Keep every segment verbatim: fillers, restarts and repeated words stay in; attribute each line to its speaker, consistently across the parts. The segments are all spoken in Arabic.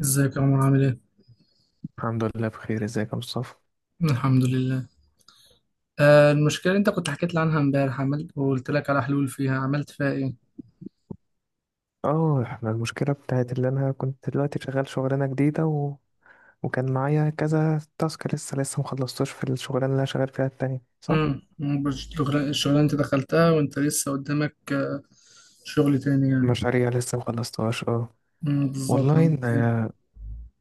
Speaker 1: ازيك يا عمر عامل ايه؟
Speaker 2: الحمد لله بخير، ازيك يا مصطفى؟
Speaker 1: الحمد لله. آه المشكلة اللي انت كنت حكيت لي عنها امبارح عملت وقلت لك على حلول فيها، عملت فيها ايه؟
Speaker 2: اه، احنا المشكله بتاعت اللي انا كنت دلوقتي شغال شغلانه جديده و... وكان معايا كذا تاسك لسه لسه مخلصتوش في الشغلانه اللي انا شغال فيها التانية، صح؟
Speaker 1: امم. الشغلانة انت دخلتها وانت لسه قدامك آه، شغل تاني يعني.
Speaker 2: مشاريع لسه مخلصتهاش، اه.
Speaker 1: امم بالظبط،
Speaker 2: والله
Speaker 1: عملت
Speaker 2: ان
Speaker 1: ايه؟
Speaker 2: آه،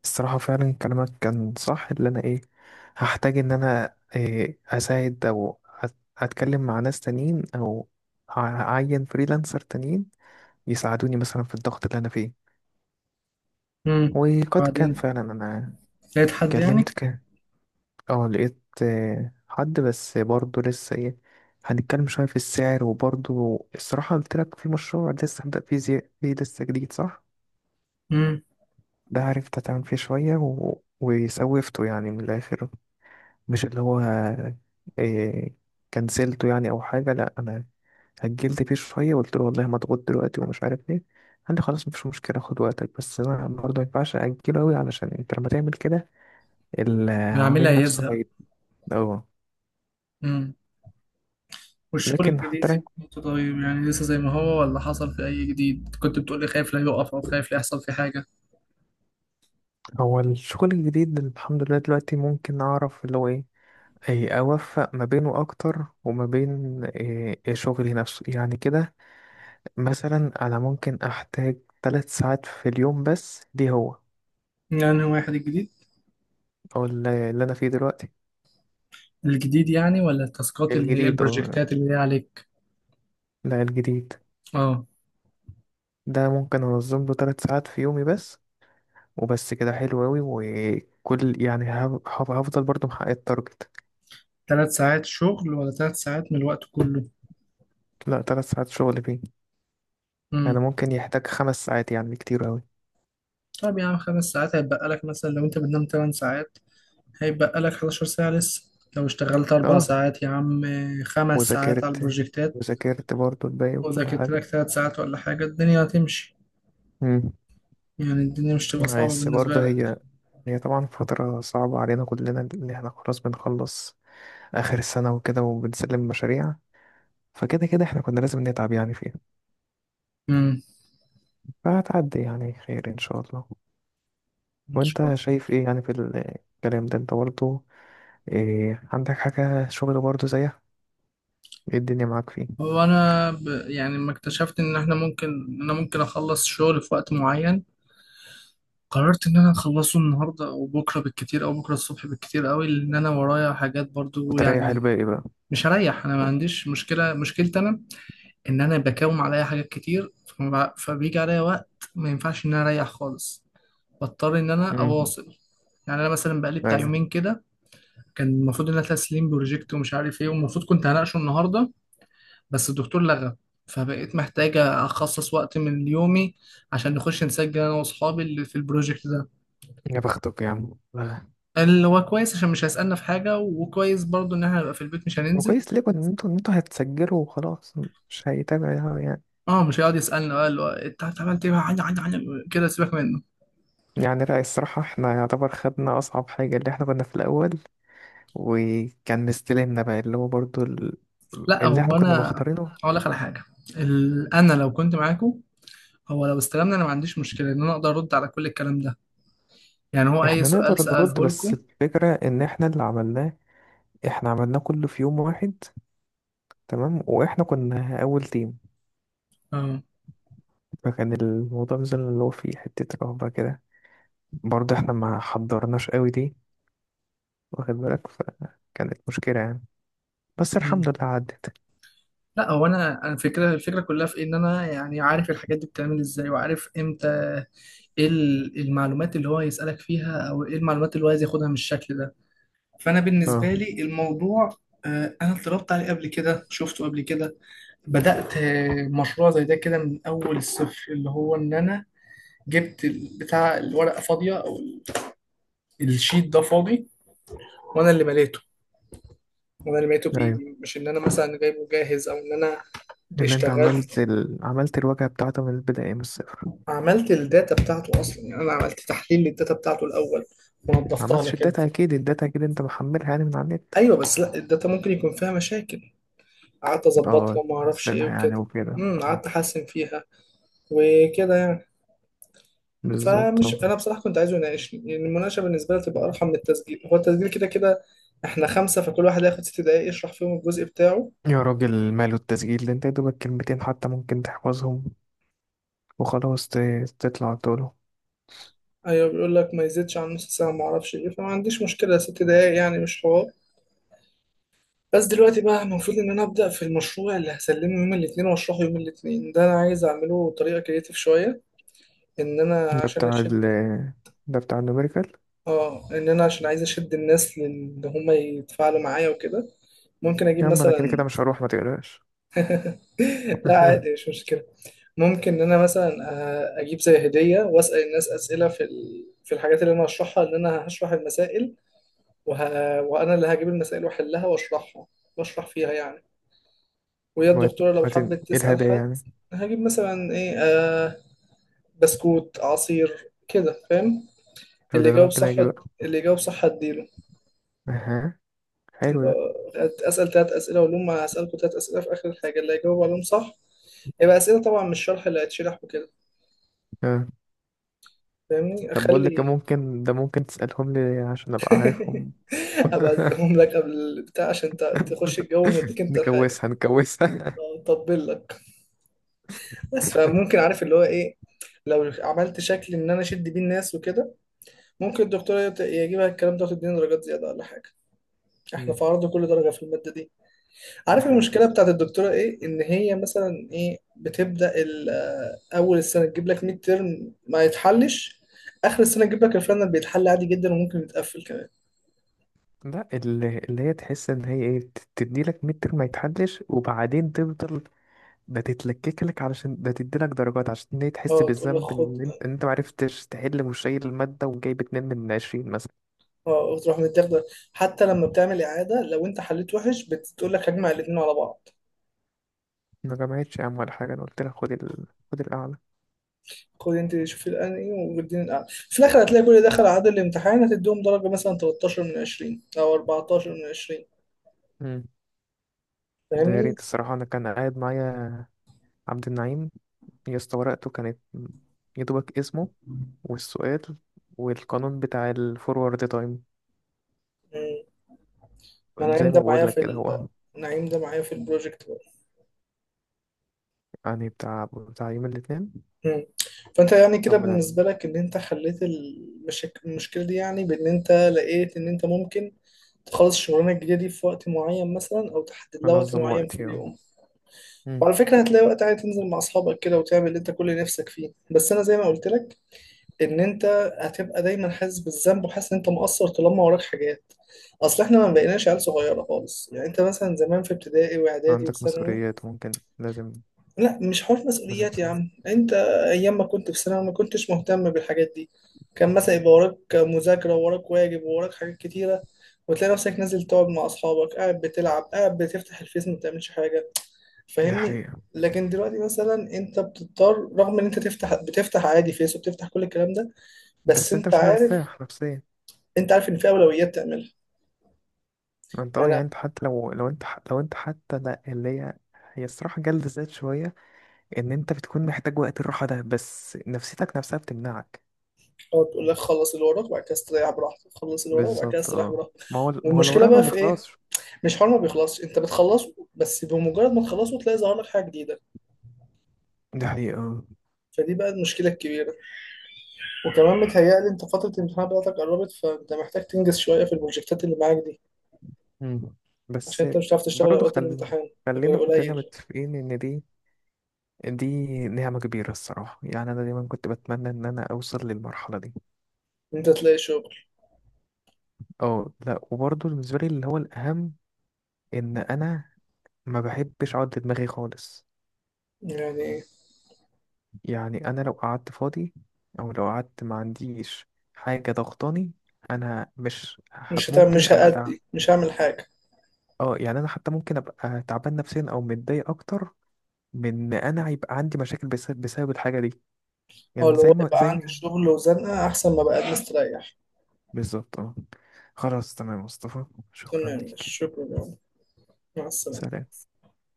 Speaker 2: الصراحه فعلا كلامك كان صح، اللي انا ايه هحتاج ان انا إيه اساعد او أت- اتكلم مع ناس تانيين، او أع- اعين فريلانسر تانيين يساعدوني مثلا في الضغط اللي انا فيه.
Speaker 1: امم
Speaker 2: وقد كان
Speaker 1: بعدين،
Speaker 2: فعلا انا
Speaker 1: لقيت حد يعني؟
Speaker 2: كلمت. اه لقيت آه، حد، بس برضه لسه ايه هنتكلم شوية في السعر. وبرضه الصراحة قلت لك في مشروع لسه هبدأ فيه، زي... فيه لسه جديد، صح؟
Speaker 1: امم
Speaker 2: ده عرفت أتعامل فيه شوية و... وسوفته يعني من الآخر. مش اللي هو إيه كنسلته يعني أو حاجة، لأ. أنا هجلت فيه شوية وقلت له والله مضغوط دلوقتي ومش عارف ايه. قال لي خلاص مفيش مشكلة، خد وقتك. بس أنا برضه مينفعش أجله أوي علشان أنت لما تعمل كده
Speaker 1: اللي عاملها
Speaker 2: العميل نفسه
Speaker 1: هيزهق.
Speaker 2: هيت-. اه،
Speaker 1: امم والشغل
Speaker 2: لكن
Speaker 1: الجديد
Speaker 2: حتى
Speaker 1: ايه بتاعته؟ طيب يعني لسه زي ما هو ولا حصل في اي جديد؟ كنت بتقولي خايف لا يقف او خايف لا يحصل فيه حاجة.
Speaker 2: هو الشغل الجديد الحمد لله دلوقتي ممكن أعرف اللي هو إيه أي أوفق ما بينه أكتر وما بين إيه إيه شغلي نفسه يعني كده. مثلا أنا ممكن أحتاج ثلاث ساعات في اليوم بس، دي هو
Speaker 1: يعني واحد الجديد؟
Speaker 2: أو اللي اللي أنا فيه دلوقتي.
Speaker 1: الجديد يعني ولا التاسكات اللي هي
Speaker 2: الجديد أو،
Speaker 1: البروجكتات اللي هي عليك؟
Speaker 2: لا، الجديد
Speaker 1: اه.
Speaker 2: ده ممكن أنظم له ثلاث ساعات في يومي بس. وبس كده حلو أوي، وكل يعني هف- هف- هفضل برضه محقق التارجت.
Speaker 1: ثلاث ساعات شغل ولا ثلاث ساعات من الوقت كله؟
Speaker 2: لا، ثلاث ساعات شغل فيه. يعني
Speaker 1: امم
Speaker 2: ممكن يحتاج خمس ساعات، يعني كتير أوي.
Speaker 1: طب يا عم، خمس ساعات هيتبقى لك مثلا لو انت بتنام ثمان ساعات هيتبقى لك 11 ساعة لسه. لو اشتغلت أربع
Speaker 2: اه،
Speaker 1: ساعات يا عم، آه، خمس ساعات على
Speaker 2: وذاكرت
Speaker 1: البروجكتات
Speaker 2: وذاكرت برضه الباقي وكل
Speaker 1: وذاكرت لك
Speaker 2: حاجة.
Speaker 1: ثلاث ساعات، ولا حاجة الدنيا هتمشي؟
Speaker 2: مم.
Speaker 1: يعني الدنيا مش تبقى صعبة
Speaker 2: بس
Speaker 1: بالنسبة
Speaker 2: برضه
Speaker 1: لك؟
Speaker 2: هي هي طبعا فترة صعبة علينا كلنا، إن احنا خلاص بنخلص آخر السنة وكده وبنسلم مشاريع. فكده كده احنا كنا لازم نتعب يعني فيها.
Speaker 1: امم.
Speaker 2: فهتعدي يعني خير إن شاء الله.
Speaker 1: ان شاء الله.
Speaker 2: وأنت شايف إيه يعني في الكلام ده؟ أنت برضه إيه، عندك حاجة شغل برضه زيها؟ إيه الدنيا معاك فيه؟
Speaker 1: هو انا ب... يعني لما اكتشفت ان احنا ممكن، ان انا ممكن اخلص شغل في وقت معين، قررت ان انا اخلصه النهارده او بكره بالكتير او بكره الصبح بالكتير قوي، لان انا ورايا حاجات برضو
Speaker 2: وتريح
Speaker 1: يعني.
Speaker 2: الباقي بقى.
Speaker 1: مش هريح، انا ما عنديش مشكله. مشكلتي انا ان انا بكوم عليا حاجات كتير، فما- فبيجي عليا وقت ما ينفعش ان انا اريح خالص، بضطر ان انا
Speaker 2: مم.
Speaker 1: اواصل. يعني انا مثلا بقالي بتاع
Speaker 2: أيوه.
Speaker 1: يومين كده كان المفروض ان انا تسليم بروجكت ومش عارف ايه، والمفروض كنت هناقشه النهارده، بس الدكتور لغى، فبقيت محتاجه اخصص وقت من يومي عشان نخش نسجل انا واصحابي اللي في البروجكت ده،
Speaker 2: يا بختك يا عم.
Speaker 1: اللي هو كويس عشان مش هيسالنا في حاجه، وكويس برضو ان احنا نبقى في البيت مش هننزل.
Speaker 2: وكويس ليه ان انتوا ان انتوا هتسجلوا وخلاص، مش هيتابع يعني؟
Speaker 1: اه، مش هيقعد يسالنا بقى اللي هو انت عملت ايه بقى؟ عن- عن- عن- كده سيبك منه.
Speaker 2: يعني لا، الصراحة احنا يعتبر خدنا أصعب حاجة، اللي احنا كنا في الأول وكان مستلمنا بقى اللي هو برضو ال-،
Speaker 1: لا،
Speaker 2: اللي احنا
Speaker 1: هو
Speaker 2: كنا
Speaker 1: انا
Speaker 2: مختارينه.
Speaker 1: هقول لك على حاجه. ال... انا لو كنت معاكم، هو لو استلمنا انا ما عنديش مشكله ان انا اقدر ارد على كل الكلام ده، يعني هو اي
Speaker 2: احنا
Speaker 1: سؤال
Speaker 2: نقدر نرد
Speaker 1: ساله
Speaker 2: بس
Speaker 1: لكم.
Speaker 2: الفكرة ان احنا اللي عملناه، احنا عملناه كله في يوم واحد، تمام، واحنا كنا أول تيم.
Speaker 1: اه.
Speaker 2: فكان الموضوع مثلا اللي هو فيه حتة رهبة كده، برضو احنا ما حضرناش قوي دي، واخد بالك، فكانت مشكلة يعني. بس
Speaker 1: مم.
Speaker 2: الحمد لله عدت.
Speaker 1: لا، هو انا انا الفكره الفكره كلها في إيه؟ ان انا يعني عارف الحاجات دي بتعمل ازاي، وعارف امتى ايه ال- المعلومات اللي هو يسالك فيها، او ايه المعلومات اللي هو عايز ياخدها من الشكل ده. فانا
Speaker 2: اه.
Speaker 1: بالنسبه لي الموضوع، آه، انا اتدربت عليه قبل كده، شفته قبل كده، بدأت مشروع زي ده كده من أول الصفر، اللي هو إن أنا جبت ال- بتاع الورقة فاضية، أو ال- الشيت ده فاضي، وأنا اللي مليته، وأنا اللي مليته
Speaker 2: ايوه،
Speaker 1: بإيدي، مش إن أنا مثلا جايبه جاهز أو إن أنا
Speaker 2: اللي انت عملت
Speaker 1: اشتغلت،
Speaker 2: ال... عملت الواجهة بتاعته من البداية من الصفر.
Speaker 1: عملت الداتا بتاعته أصلا. يعني أنا عملت تحليل للداتا بتاعته الأول
Speaker 2: ما
Speaker 1: ونضفتها لك
Speaker 2: عملتش
Speaker 1: كده.
Speaker 2: الداتا، اكيد الداتا اكيد انت محملها يعني من على النت.
Speaker 1: أيوه بس لا، الداتا ممكن يكون فيها مشاكل، قعدت أظبطها
Speaker 2: اه،
Speaker 1: وما أعرفش إيه
Speaker 2: حسنها
Speaker 1: وكده.
Speaker 2: يعني وكده،
Speaker 1: امم،
Speaker 2: اه.
Speaker 1: قعدت أحسن فيها وكده يعني.
Speaker 2: بالظبط،
Speaker 1: فمش
Speaker 2: اه.
Speaker 1: انا، بصراحه كنت عايزه يناقشني. يعني المناقشه بالنسبه لي تبقى ارحم من التسجيل، هو التسجيل كده كده احنا خمسه، فكل واحد هياخد ست دقائق يشرح فيهم الجزء بتاعه.
Speaker 2: يا راجل ماله التسجيل ده؟ انت يا دوبك كلمتين حتى ممكن تحفظهم وخلاص ت... تطلع طوله.
Speaker 1: ايوه، بيقول لك ما يزيدش عن نص ساعه ما اعرفش ايه، فما عنديش مشكله، ست دقائق يعني مش حوار. بس دلوقتي بقى المفروض ان انا ابدا في المشروع اللي هسلمه يوم الاثنين واشرحه يوم الاثنين، ده انا عايز اعمله بطريقه كريتيف شويه، ان انا
Speaker 2: ده
Speaker 1: عشان
Speaker 2: بتاع
Speaker 1: اشد.
Speaker 2: ال ده بتاع النوميريكال.
Speaker 1: اه، ان انا عشان عايز اشد الناس، لان هم يتفاعلوا معايا وكده. ممكن اجيب
Speaker 2: يا عم انا كده كده
Speaker 1: مثلا،
Speaker 2: مش هروح، ما تقلقش.
Speaker 1: لا عادي مش مشكلة. ممكن إن أنا مثلا، آه، أجيب زي هدية وأسأل الناس أسئلة في ال... في الحاجات اللي أنا هشرحها، إن أنا هشرح المسائل، وه... وأنا اللي هجيب المسائل وأحلها وأشرحها، وأشرح فيها يعني. وهي الدكتورة لو
Speaker 2: وبعدين
Speaker 1: حبت
Speaker 2: ايه
Speaker 1: تسأل
Speaker 2: الهدايا
Speaker 1: حد،
Speaker 2: يعني؟
Speaker 1: هجيب مثلا إيه آه بسكوت عصير كده، فاهم؟
Speaker 2: طب
Speaker 1: اللي
Speaker 2: ده انا
Speaker 1: يجاوب
Speaker 2: ممكن
Speaker 1: صح،
Speaker 2: اجي بقى.
Speaker 1: اللي يجاوب صح هديله.
Speaker 2: اها، حلو
Speaker 1: يبقى
Speaker 2: ده.
Speaker 1: أسأل تلات أسئلة وأقول لهم هسألكوا تلات أسئلة في آخر الحاجة، اللي هيجاوب عليهم صح يبقى أسئلة، طبعا مش شرح اللي هيتشرح وكده.
Speaker 2: آه.
Speaker 1: فاهمني؟
Speaker 2: طب بقول لك إيه،
Speaker 1: أخلي
Speaker 2: ممكن ده ممكن تسألهم لي عشان أبقى عارفهم.
Speaker 1: هبقى اديهم لك قبل البتاع عشان ت- تخش الجو ومديك انت الحاجه،
Speaker 2: نكوسها نكوسها.
Speaker 1: اطبل لك. بس فممكن، عارف اللي هو ايه؟ لو عملت شكل ان انا اشد بيه الناس وكده، ممكن الدكتوره يت- يجيبها الكلام ده وتديني درجات زياده ولا حاجه. احنا
Speaker 2: مم.
Speaker 1: في عرض كل درجه في الماده دي.
Speaker 2: ده
Speaker 1: عارف
Speaker 2: حقيقة
Speaker 1: المشكله
Speaker 2: أصلا.
Speaker 1: بتاعت الدكتوره ايه؟ ان هي مثلا ايه بتبدا ال- آه، اول السنه تجيب لك ميد ترم ما يتحلش، اخر السنه تجيب لك الفاينل بيتحل عادي جدا وممكن يتقفل كمان.
Speaker 2: لا، اللي, اللي هي تحس إن هي إيه ت- تديلك ميد ترم ما يتحلش وبعدين تفضل، ده تتلكك لك علشان ده تديلك درجات عشان هي تحس
Speaker 1: اه، تقول لك
Speaker 2: بالذنب
Speaker 1: خد.
Speaker 2: إن أنت إن أنت معرفتش تحل وشايل المادة وجايب اتنين من عشرين مثلا.
Speaker 1: اه، تروح متاخده. حتى لما بتعمل اعاده لو انت حليت وحش بتقول لك هجمع الاثنين على بعض.
Speaker 2: ما جمعتش يا عم ولا حاجة، أنا قلت لك خد ال... خد الأعلى.
Speaker 1: خد انت شوفي الانهي واديني الاعلى في الاخر، هتلاقي كل ده دخل عدد الامتحان، هتديهم درجه مثلا تلتاشر من عشرين او اربعتاشر من عشرين.
Speaker 2: مم. ده يا
Speaker 1: فاهمني؟
Speaker 2: ريت الصراحة. أنا كان قاعد معايا عبد النعيم، يا اسطى ورقته كانت يا دوبك اسمه، والسؤال والقانون بتاع الفورورد تايم
Speaker 1: مم. نعيم
Speaker 2: زي ما
Speaker 1: ده معايا
Speaker 2: بقول لك
Speaker 1: في
Speaker 2: كده
Speaker 1: ال...
Speaker 2: هو.
Speaker 1: نعيم ده معايا في البروجكت بقى.
Speaker 2: يعني بتاع بتاع يوم الاثنين.
Speaker 1: مم. فانت يعني كده
Speaker 2: ربنا يعلم.
Speaker 1: بالنسبه لك ان انت حليت المشك... المشكله دي، يعني بان انت لقيت ان انت ممكن تخلص الشغلانه الجديده دي في وقت معين مثلا، او تحدد لها وقت
Speaker 2: انظم
Speaker 1: معين في
Speaker 2: وقتي، اه.
Speaker 1: اليوم.
Speaker 2: مم.
Speaker 1: وعلى فكرة هتلاقي وقت عادي تنزل مع أصحابك كده وتعمل اللي أنت كل نفسك فيه، بس أنا زي ما قلت لك إن أنت هتبقى دايما حاسس بالذنب وحاسس إن أنت مقصر طالما وراك حاجات، أصل إحنا ما بقيناش عيال صغيرة خالص. يعني أنت مثلا زمان في ابتدائي وإعدادي
Speaker 2: عندك
Speaker 1: وثانوي،
Speaker 2: مسؤوليات ممكن لازم
Speaker 1: لا مش حوار
Speaker 2: لازم
Speaker 1: مسؤوليات يا
Speaker 2: تسوي.
Speaker 1: عم أنت. أيام ما كنت في ثانوي ما كنتش مهتم بالحاجات دي، كان مثلا يبقى وراك مذاكرة ووراك واجب ووراك حاجات كتيرة، وتلاقي نفسك نازل تقعد مع أصحابك قاعد بتلعب قاعد بتفتح الفيس ما بتعملش حاجة.
Speaker 2: دي
Speaker 1: فاهمني؟
Speaker 2: حقيقة.
Speaker 1: لكن دلوقتي مثلا انت بتضطر، رغم ان انت تفتح، بتفتح عادي فيس وبتفتح كل الكلام ده، بس
Speaker 2: بس انت
Speaker 1: انت
Speaker 2: مش
Speaker 1: عارف،
Speaker 2: مرتاح نفسيا.
Speaker 1: انت عارف ان في اولويات تعملها.
Speaker 2: ما انت اه
Speaker 1: يعني
Speaker 2: يعني انت حتى لو لو انت ح- لو انت حتى لا اللي هي هي الصراحة جلد ذات شوية، ان انت بتكون محتاج وقت الراحة ده بس نفسيتك نفسها بتمنعك.
Speaker 1: هو تقول لك خلص اللي وراك وبعد كده استريح براحتك، خلص اللي وراك وبعد كده
Speaker 2: بالظبط،
Speaker 1: استريح
Speaker 2: اه.
Speaker 1: براحتك.
Speaker 2: ما هو ما هو
Speaker 1: والمشكله
Speaker 2: الوراء ما
Speaker 1: بقى في ايه؟
Speaker 2: بيخلصش.
Speaker 1: مش حوار ما بيخلصش، انت بتخلصه، بس بمجرد ما تخلصه تلاقي ظهر لك حاجه جديده.
Speaker 2: دي حقيقة.
Speaker 1: فدي بقى المشكله الكبيره، وكمان متهيألي انت فتره الامتحان بتاعتك قربت، فانت محتاج تنجز شويه في البروجكتات اللي معاك دي،
Speaker 2: مم.
Speaker 1: عشان
Speaker 2: بس
Speaker 1: انت مش هتعرف تشتغل
Speaker 2: برضه
Speaker 1: اوقات
Speaker 2: خل...
Speaker 1: الامتحان غير
Speaker 2: خلينا كلنا
Speaker 1: قليل.
Speaker 2: متفقين إن دي دي نعمة كبيرة الصراحة. يعني أنا دايما كنت بتمنى إن أنا أوصل للمرحلة دي.
Speaker 1: إن انت تلاقي شغل
Speaker 2: اه، لأ، وبرضه بالنسبة لي اللي هو الأهم إن أنا ما بحبش أقعد لدماغي خالص.
Speaker 1: يعني،
Speaker 2: يعني أنا لو قعدت فاضي أو لو قعدت ما عنديش حاجة ضغطاني، أنا مش حب
Speaker 1: مش هتعمل
Speaker 2: ممكن
Speaker 1: مش
Speaker 2: أبقى تع....
Speaker 1: هأدي مش هعمل حاجة.
Speaker 2: اه يعني أنا حتى ممكن أبقى تعبان نفسيا أو متضايق أكتر، من إن أنا يبقى عندي مشاكل بس... بسبب الحاجة دي.
Speaker 1: أو
Speaker 2: يعني
Speaker 1: اللي
Speaker 2: زي
Speaker 1: هو
Speaker 2: ما
Speaker 1: يبقى عندي
Speaker 2: زي.
Speaker 1: شغل وزنقة أحسن ما بقى مستريح.
Speaker 2: بالظبط، اه. خلاص تمام مصطفى، شكرا
Speaker 1: تمام،
Speaker 2: ليك.
Speaker 1: شكرا يا عمر. مع السلامة
Speaker 2: سلام.